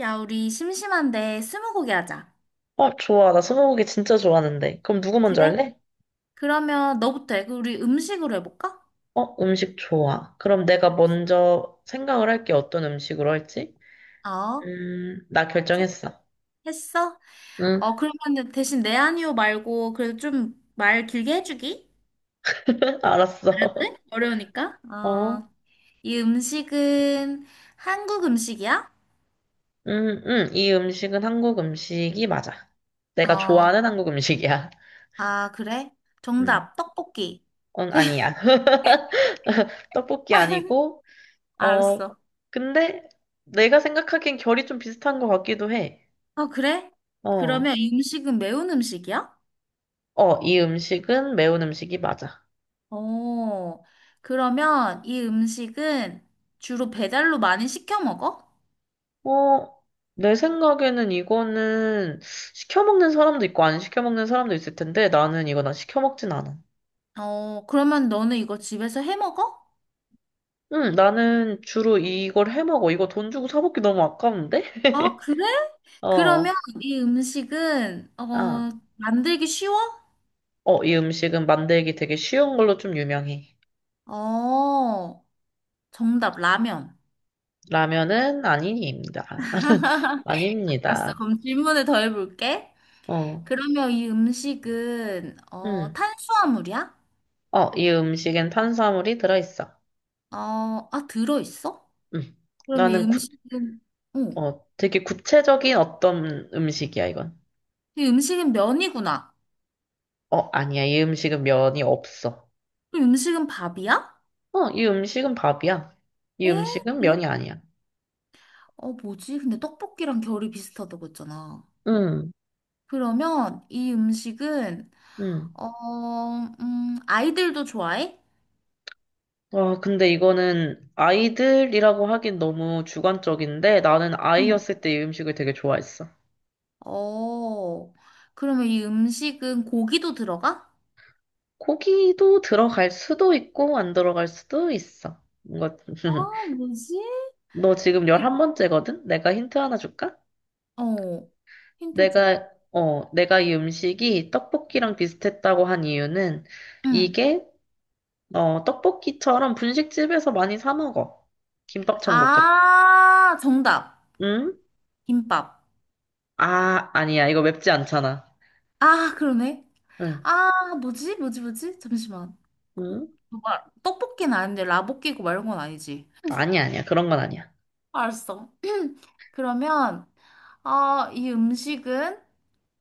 야, 우리 심심한데 스무고개 하자. 어, 좋아. 나 스무고개 진짜 좋아하는데. 그럼 누구 아, 먼저 그래? 할래? 그러면 너부터 해. 그 우리 음식으로 해볼까? 어, 음식 좋아. 그럼 내가 알았어. 먼저 생각을 할게. 어떤 음식으로 할지? 어, 나 결정했어. 했어? 응. 어, 그러면 대신 내 아니오 말고 그래도 좀 말 길게 해주기? 알았어. 그래? 어려우니까. 어. 어, 이 음식은 한국 음식이야? 이 음식은 한국 음식이 맞아. 내가 어, 좋아하는 한국 음식이야. 아, 그래? 음. 정답, 떡볶이. 응, 아니야. 떡볶이 아니고, 어, 알았어. 근데 내가 생각하기엔 결이 좀 비슷한 것 같기도 해. 어, 그래? 어. 그러면 이 음식은 매운 음식이야? 어, 이 음식은 매운 음식이 맞아. 어, 그러면 이 음식은 주로 배달로 많이 시켜 먹어? 어, 내 생각에는 이거는 시켜 먹는 사람도 있고 안 시켜 먹는 사람도 있을 텐데 나는 이거 난 시켜 먹진 않아. 어, 그러면 너는 이거 집에서 해 먹어? 응, 나는 주로 이걸 해 먹어. 이거 돈 주고 사 먹기 너무 아까운데? 아, 그래? 어. 그러면 이 음식은, 어, 아. 만들기 쉬워? 어, 이 음식은 만들기 되게 쉬운 걸로 좀 유명해. 어, 정답, 라면. 라면은 아닙니다. 아닙니다. 알았어. 그럼 질문을 더 해볼게. 어. 그러면 이 음식은, 어, 음, 탄수화물이야? 어, 이 음식엔 탄수화물이 들어있어. 어, 아, 들어있어? 음. 그러면 이 나는 구, 음식은, 어, 되게 구체적인 어떤 음식이야, 이건. 이 음식은 면이구나. 어, 아니야. 이 음식은 면이 없어. 그럼 음식은 밥이야? 어, 이 음식은 밥이야. 이 에? 음식은 그래? 면이 아니야. 어, 뭐지? 근데 떡볶이랑 결이 비슷하다고 했잖아. 응, 그러면 이 음식은, 응. 어, 아이들도 좋아해? 와, 근데 이거는 아이들이라고 하긴 너무 주관적인데 나는 응. 아이였을 때 이 음식을 되게 좋아했어. 어, 그러면 이 음식은 고기도 들어가? 고기도 들어갈 수도 있고 안 들어갈 수도 있어. 뭔가 아, 뭐지? 너 지금 열한 번째거든 내가 힌트 하나 줄까? 어, 힌트 줘. 내가 이 음식이 떡볶이랑 비슷했다고 한 이유는 응. 이게 떡볶이처럼 분식집에서 많이 사 먹어. 김밥 천국 같 아, 정답. 응? 김밥. 아, 아니야. 이거 맵지 않잖아. 아, 그러네. 응. 아, 뭐지? 뭐지? 뭐지? 잠시만. 응? 뭐 떡볶이는 아닌데, 라볶이고 말이건 아니지. 아니야, 아니야. 그런 건 아니야. 알았어. 그러면, 아, 이 음식은,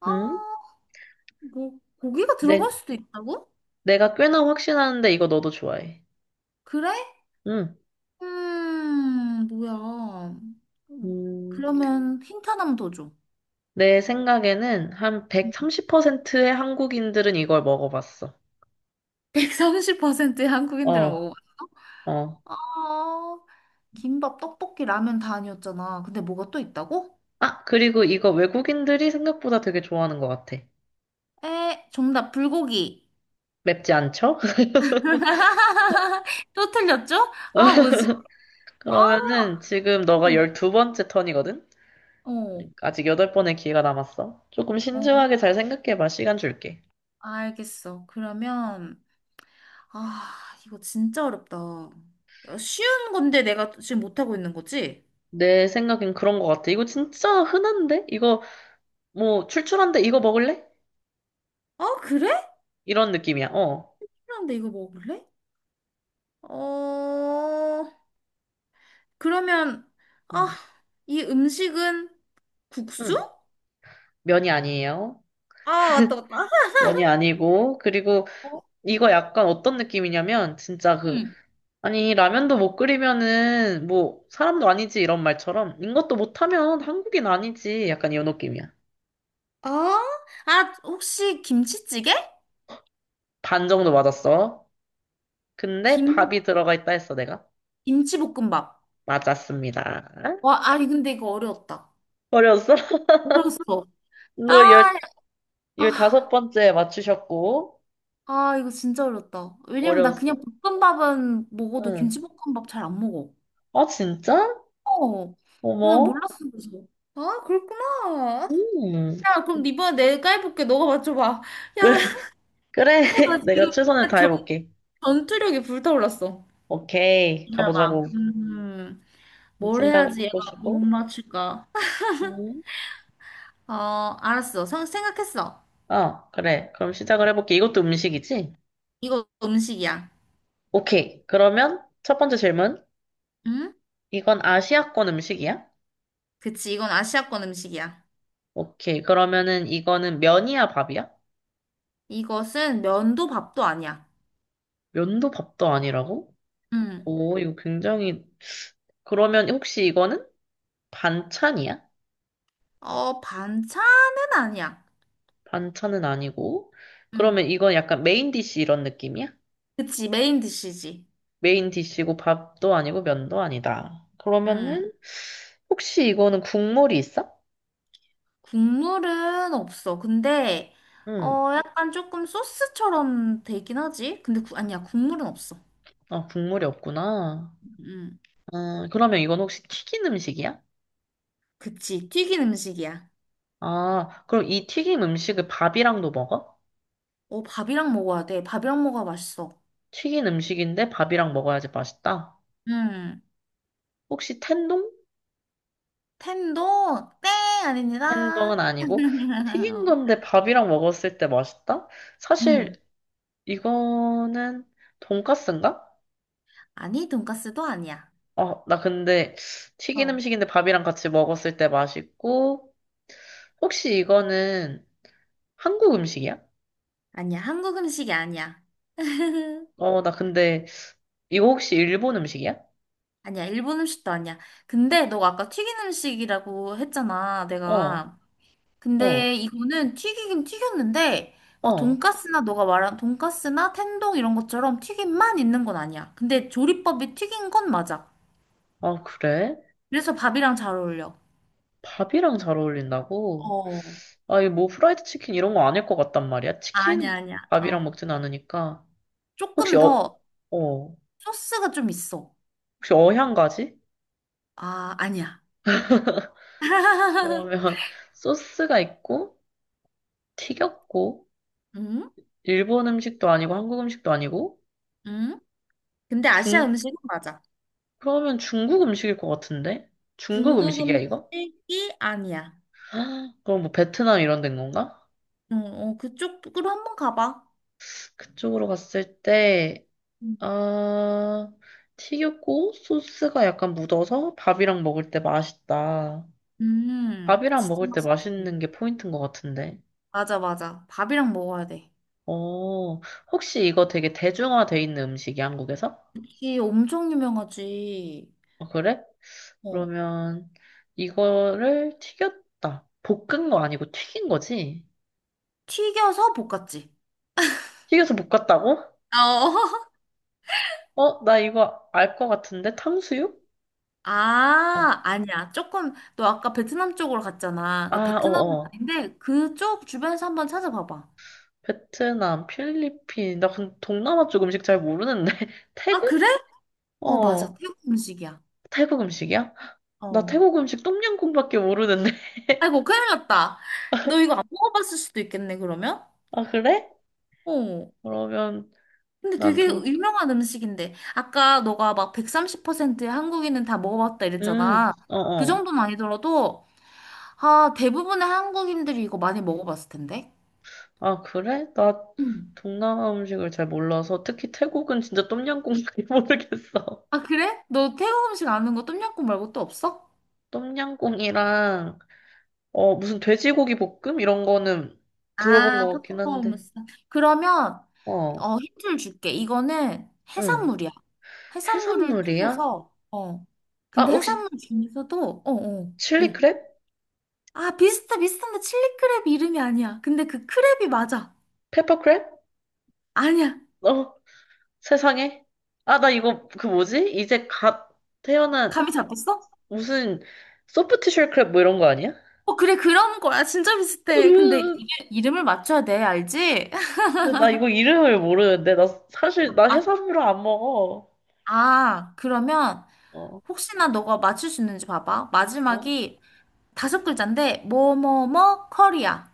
아, 응? 뭐, 고기가 내, 들어갈 수도 있다고? 내가 꽤나 확신하는데 이거 너도 좋아해. 그래? 응. 뭐야. 음, 음, 그러면 힌트 하나만 더 줘. 내 생각에는 한 130%의 한국인들은 이걸 먹어봤어. 130%의 한국인들은 어, 먹어봤어. 어. 아, 김밥, 떡볶이, 라면 다 아니었잖아. 근데 뭐가 또 있다고? 아, 그리고 이거 외국인들이 생각보다 되게 좋아하는 것 같아. 에, 정답, 불고기. 맵지 않죠? 또 틀렸죠? 아, 뭐지? 아, 그러면은 지금 너가 음, 12번째 턴이거든? 어, 아직 여덟 번의 기회가 남았어. 조금 어. 신중하게 잘 생각해봐. 시간 줄게. 알겠어. 그러면, 아, 이거 진짜 어렵다. 어, 쉬운 건데 내가 지금 못하고 있는 거지? 내 생각엔 그런 것 같아. 이거 진짜 흔한데? 이거 뭐 출출한데 이거 먹을래? 어? 그래? 이런 느낌이야. 어. 그런데 이거 먹을래? 어, 그러면, 아, 음. 이 음식은 국수? 음. 면이 아니에요. 아, 맞다, 맞다. 면이 아니고 그리고 어? 이거 약간 어떤 느낌이냐면 진짜 그 응. 아니 라면도 못 끓이면은 뭐 사람도 아니지 이런 말처럼 이것도 못하면 한국인 아니지 약간 이런 느낌이야. 아, 아, 혹시 김치찌개? 반 정도 맞았어. 근데 김, 밥이 들어가 있다 했어 내가. 김치볶음밥. 맞았습니다. 와, 아니, 근데 이거 어려웠다. 어려웠어? 어려웠어. 너 아, 열다섯 아. 번째 맞추셨고, 아, 이거 진짜 어렵다. 왜냐면 나 그냥 어려웠어? 볶음밥은 먹어도 응. 김치볶음밥 잘 안 먹어. 아, 진짜? 어. 그냥 어머. 몰랐어, 그래서. 아, 그렇구나. 음. 야, 그럼 이번에 내가 해볼게. 너가 맞춰봐. 야, 나 그래, 내가 지금 최선을 전, 다해볼게. 전투력이 불타올랐어. 오케이, 기다려봐. 가보자고. 뭘 생각을 해야지 얘가 못 해보시고. 맞출까? 음. 어, 알았어. 생각했어. 아, 그래. 그럼 시작을 해볼게. 이것도 음식이지? 이거 음식이야. 오케이. 그러면 첫 번째 질문. 응? 이건 아시아권 음식이야? 그치, 이건 아시아권 음식이야. 오케이. 그러면은 이거는 면이야, 밥이야? 이것은 면도 밥도 아니야. 면도 밥도 아니라고? 응. 오, 이거 굉장히, 그러면 혹시 이거는 반찬이야? 어, 반찬은 아니야. 반찬은 아니고. 응. 그러면 이건 약간 메인 디쉬 이런 느낌이야? 그치, 메인 디시지. 메인 디쉬고 밥도 아니고 면도 아니다. 응. 그러면은, 혹시 이거는 국물이 있어? 국물은 없어. 근데, 응. 어, 약간 조금 소스처럼 되긴 하지. 근데, 아니야, 국물은 없어. 아, 국물이 없구나. 응. 그러면 이건 혹시 튀긴 음식이야? 그치, 튀긴 음식이야. 아, 그럼 이 튀긴 음식을 밥이랑도 먹어? 어, 밥이랑 먹어야 돼. 밥이랑 먹어야 맛있어. 튀긴 음식인데 밥이랑 먹어야지 맛있다. 응. 혹시 텐동? 네, 아닙니다. 햄버거는 아니고 튀긴 건데 밥이랑 먹었을 때 맛있다? 사실 응. 이거는 돈까스인가? 아니, 돈까스도 아니야. 아, 나 근데 튀긴 어. 음식인데 밥이랑 같이 먹었을 때 맛있고 혹시 이거는 한국 음식이야? 아니야, 한국 음식이 아니야. 어, 나 근데 이거 혹시 일본 음식이야? 아니야, 일본 음식도 아니야. 근데 너가 아까 튀긴 음식이라고 했잖아, 어, 내가. 근데 어, 이거는 튀기긴 튀겼는데, 막 어. 돈까스나 너가 말한 돈까스나 텐동 이런 것처럼 튀김만 있는 건 아니야. 근데 조리법이 튀긴 건 맞아. 아, 그래? 그래서 밥이랑 잘 어울려. 밥이랑 잘 어울린다고? 어. 아, 이거 뭐 프라이드 치킨 이런 거 아닐 것 같단 말이야. 아니야, 치킨 아니야. 밥이랑 어. 먹진 않으니까. 혹시 조금 어, 더 어, 소스가 좀 있어. 혹시 어향가지? 아, 아니야. 그러면 소스가 있고 튀겼고 응? 일본 음식도 아니고 한국 음식도 아니고 응? 근데 아시아 중 음식은 맞아. 그러면 중국 음식일 것 같은데? 중국 중국 음식이야 이거? 음식이 아니야. 그럼 뭐 베트남 이런 데인 건가? 어, 어, 그쪽으로 한번 가봐. 그쪽으로 갔을 때 음, 아, 튀겼고 소스가 약간 묻어서 밥이랑 먹을 때 맛있다. 밥이랑 진짜 먹을 때 맛있지. 맛있는 게 포인트인 것 같은데. 맞아, 맞아. 밥이랑 먹어야 돼. 어, 혹시 이거 되게 대중화돼 있는 음식이 한국에서? 이 엄청 유명하지. 아, 그래? 어, 그러면 이거를 튀겼다. 볶은 거 아니고 튀긴 거지? 튀겨서 볶았지. 튀겨서 볶았다고? 어. 어, 나 이거 알 것 같은데? 탕수육? 어. 아, 아니야. 조금, 너 아까 베트남 쪽으로 갔잖아. 그 아, 베트남은 어어. 아닌데, 그쪽 주변에서 한번 찾아봐봐. 베트남, 필리핀. 나 근데 동남아 쪽 음식 잘 모르는데. 아, 태국? 그래? 어, 맞아. 어, 태국 음식이야. 태국 음식이야? 나 어. 태국 음식 똠양꿍밖에 모르는데. 아이고, 큰일 났다. 너 이거 안 먹어봤을 수도 있겠네, 그러면? 아, 그래? 어. 그러면 근데 난 되게 동, 유명한 음식인데 아까 너가 막 130%의 한국인은 다 먹어봤다 이랬잖아. 그 어어. 정도는 아니더라도 아 대부분의 한국인들이 이거 많이 먹어봤을 텐데. 아, 그래? 나 음. 동남아 음식을 잘 몰라서 특히 태국은 진짜 똠양꿍밖에 모르겠어. 아 그래? 너 태국 음식 아는 거 똠양꿍 말고 또 없어? 똠양꿍이랑 무슨 돼지고기 볶음 이런 거는 들어본 아, 것 같긴 한데. 팝콘무스. 그러면 어, 어 힌트를 줄게. 이거는 응. 해산물이야. 해산물을 해산물이야? 튀겨서 어. 아, 근데 혹시 해산물 중에서도 어어 칠리 크랩? 아, 비슷해, 비슷한데 칠리크랩 이름이 아니야. 근데 그 크랩이 맞아. 페퍼 크랩? 아니야. 어, 세상에. 아, 나 이거 그 뭐지? 이제 갓 태어난 감이 잡혔어? 무슨 소프트쉘 크랩 뭐 이런 거 아니야? 어, 그래, 그런 거야. 진짜 비슷해. 근데 으, 이게 이름을 맞춰야 돼, 알지? 근데 나 이거 이름을 모르는데 나 사실 나 아, 해산물을 안 먹어. 아, 그러면 어, 혹시나 너가 맞출 수 있는지 봐봐. 어? 마지막이 다섯 글자인데, 뭐뭐뭐 커리야.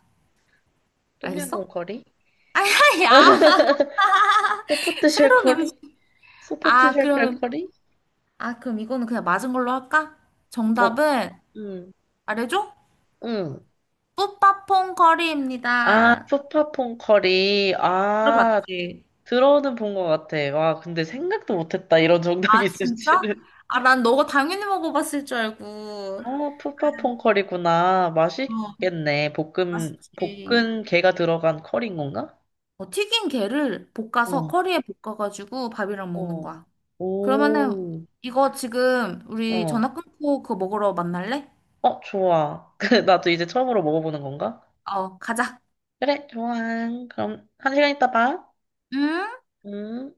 똠양꿍 알겠어? 커리? 아야, 야 소포트 쉘 새로운 커리? 음식. 소포트 아, 쉘 그러면, 커리? 아, 그럼 이거는 그냥 맞은 걸로 할까? 뭐, 정답은, 음, 말해줘? 음. 뿌빠퐁 아, 커리입니다. 푸파퐁 커리. 아, 들어봤지? 들어는 본 것 같아. 와, 근데 생각도 못했다. 이런 정답이 아, 진짜? 있을지는. 아, 난 너가 당연히 먹어봤을 줄 알고. 아, 푸파퐁 커리구나. 어, 맛있겠네. 맛있지. 볶은 게가 들어간 커리인 건가? 어, 튀긴 게를 볶아서 어, 커리에 볶아가지고 밥이랑 먹는 어. 거야. 그러면은 오, 이거 지금 우리 어. 전화 끊고 그거 먹으러 만날래? 어, 좋아. 그, 나도 이제 처음으로 먹어보는 건가? 어, 가자. 그래, 좋아. 그럼 1시간 있다 봐. 음. 응.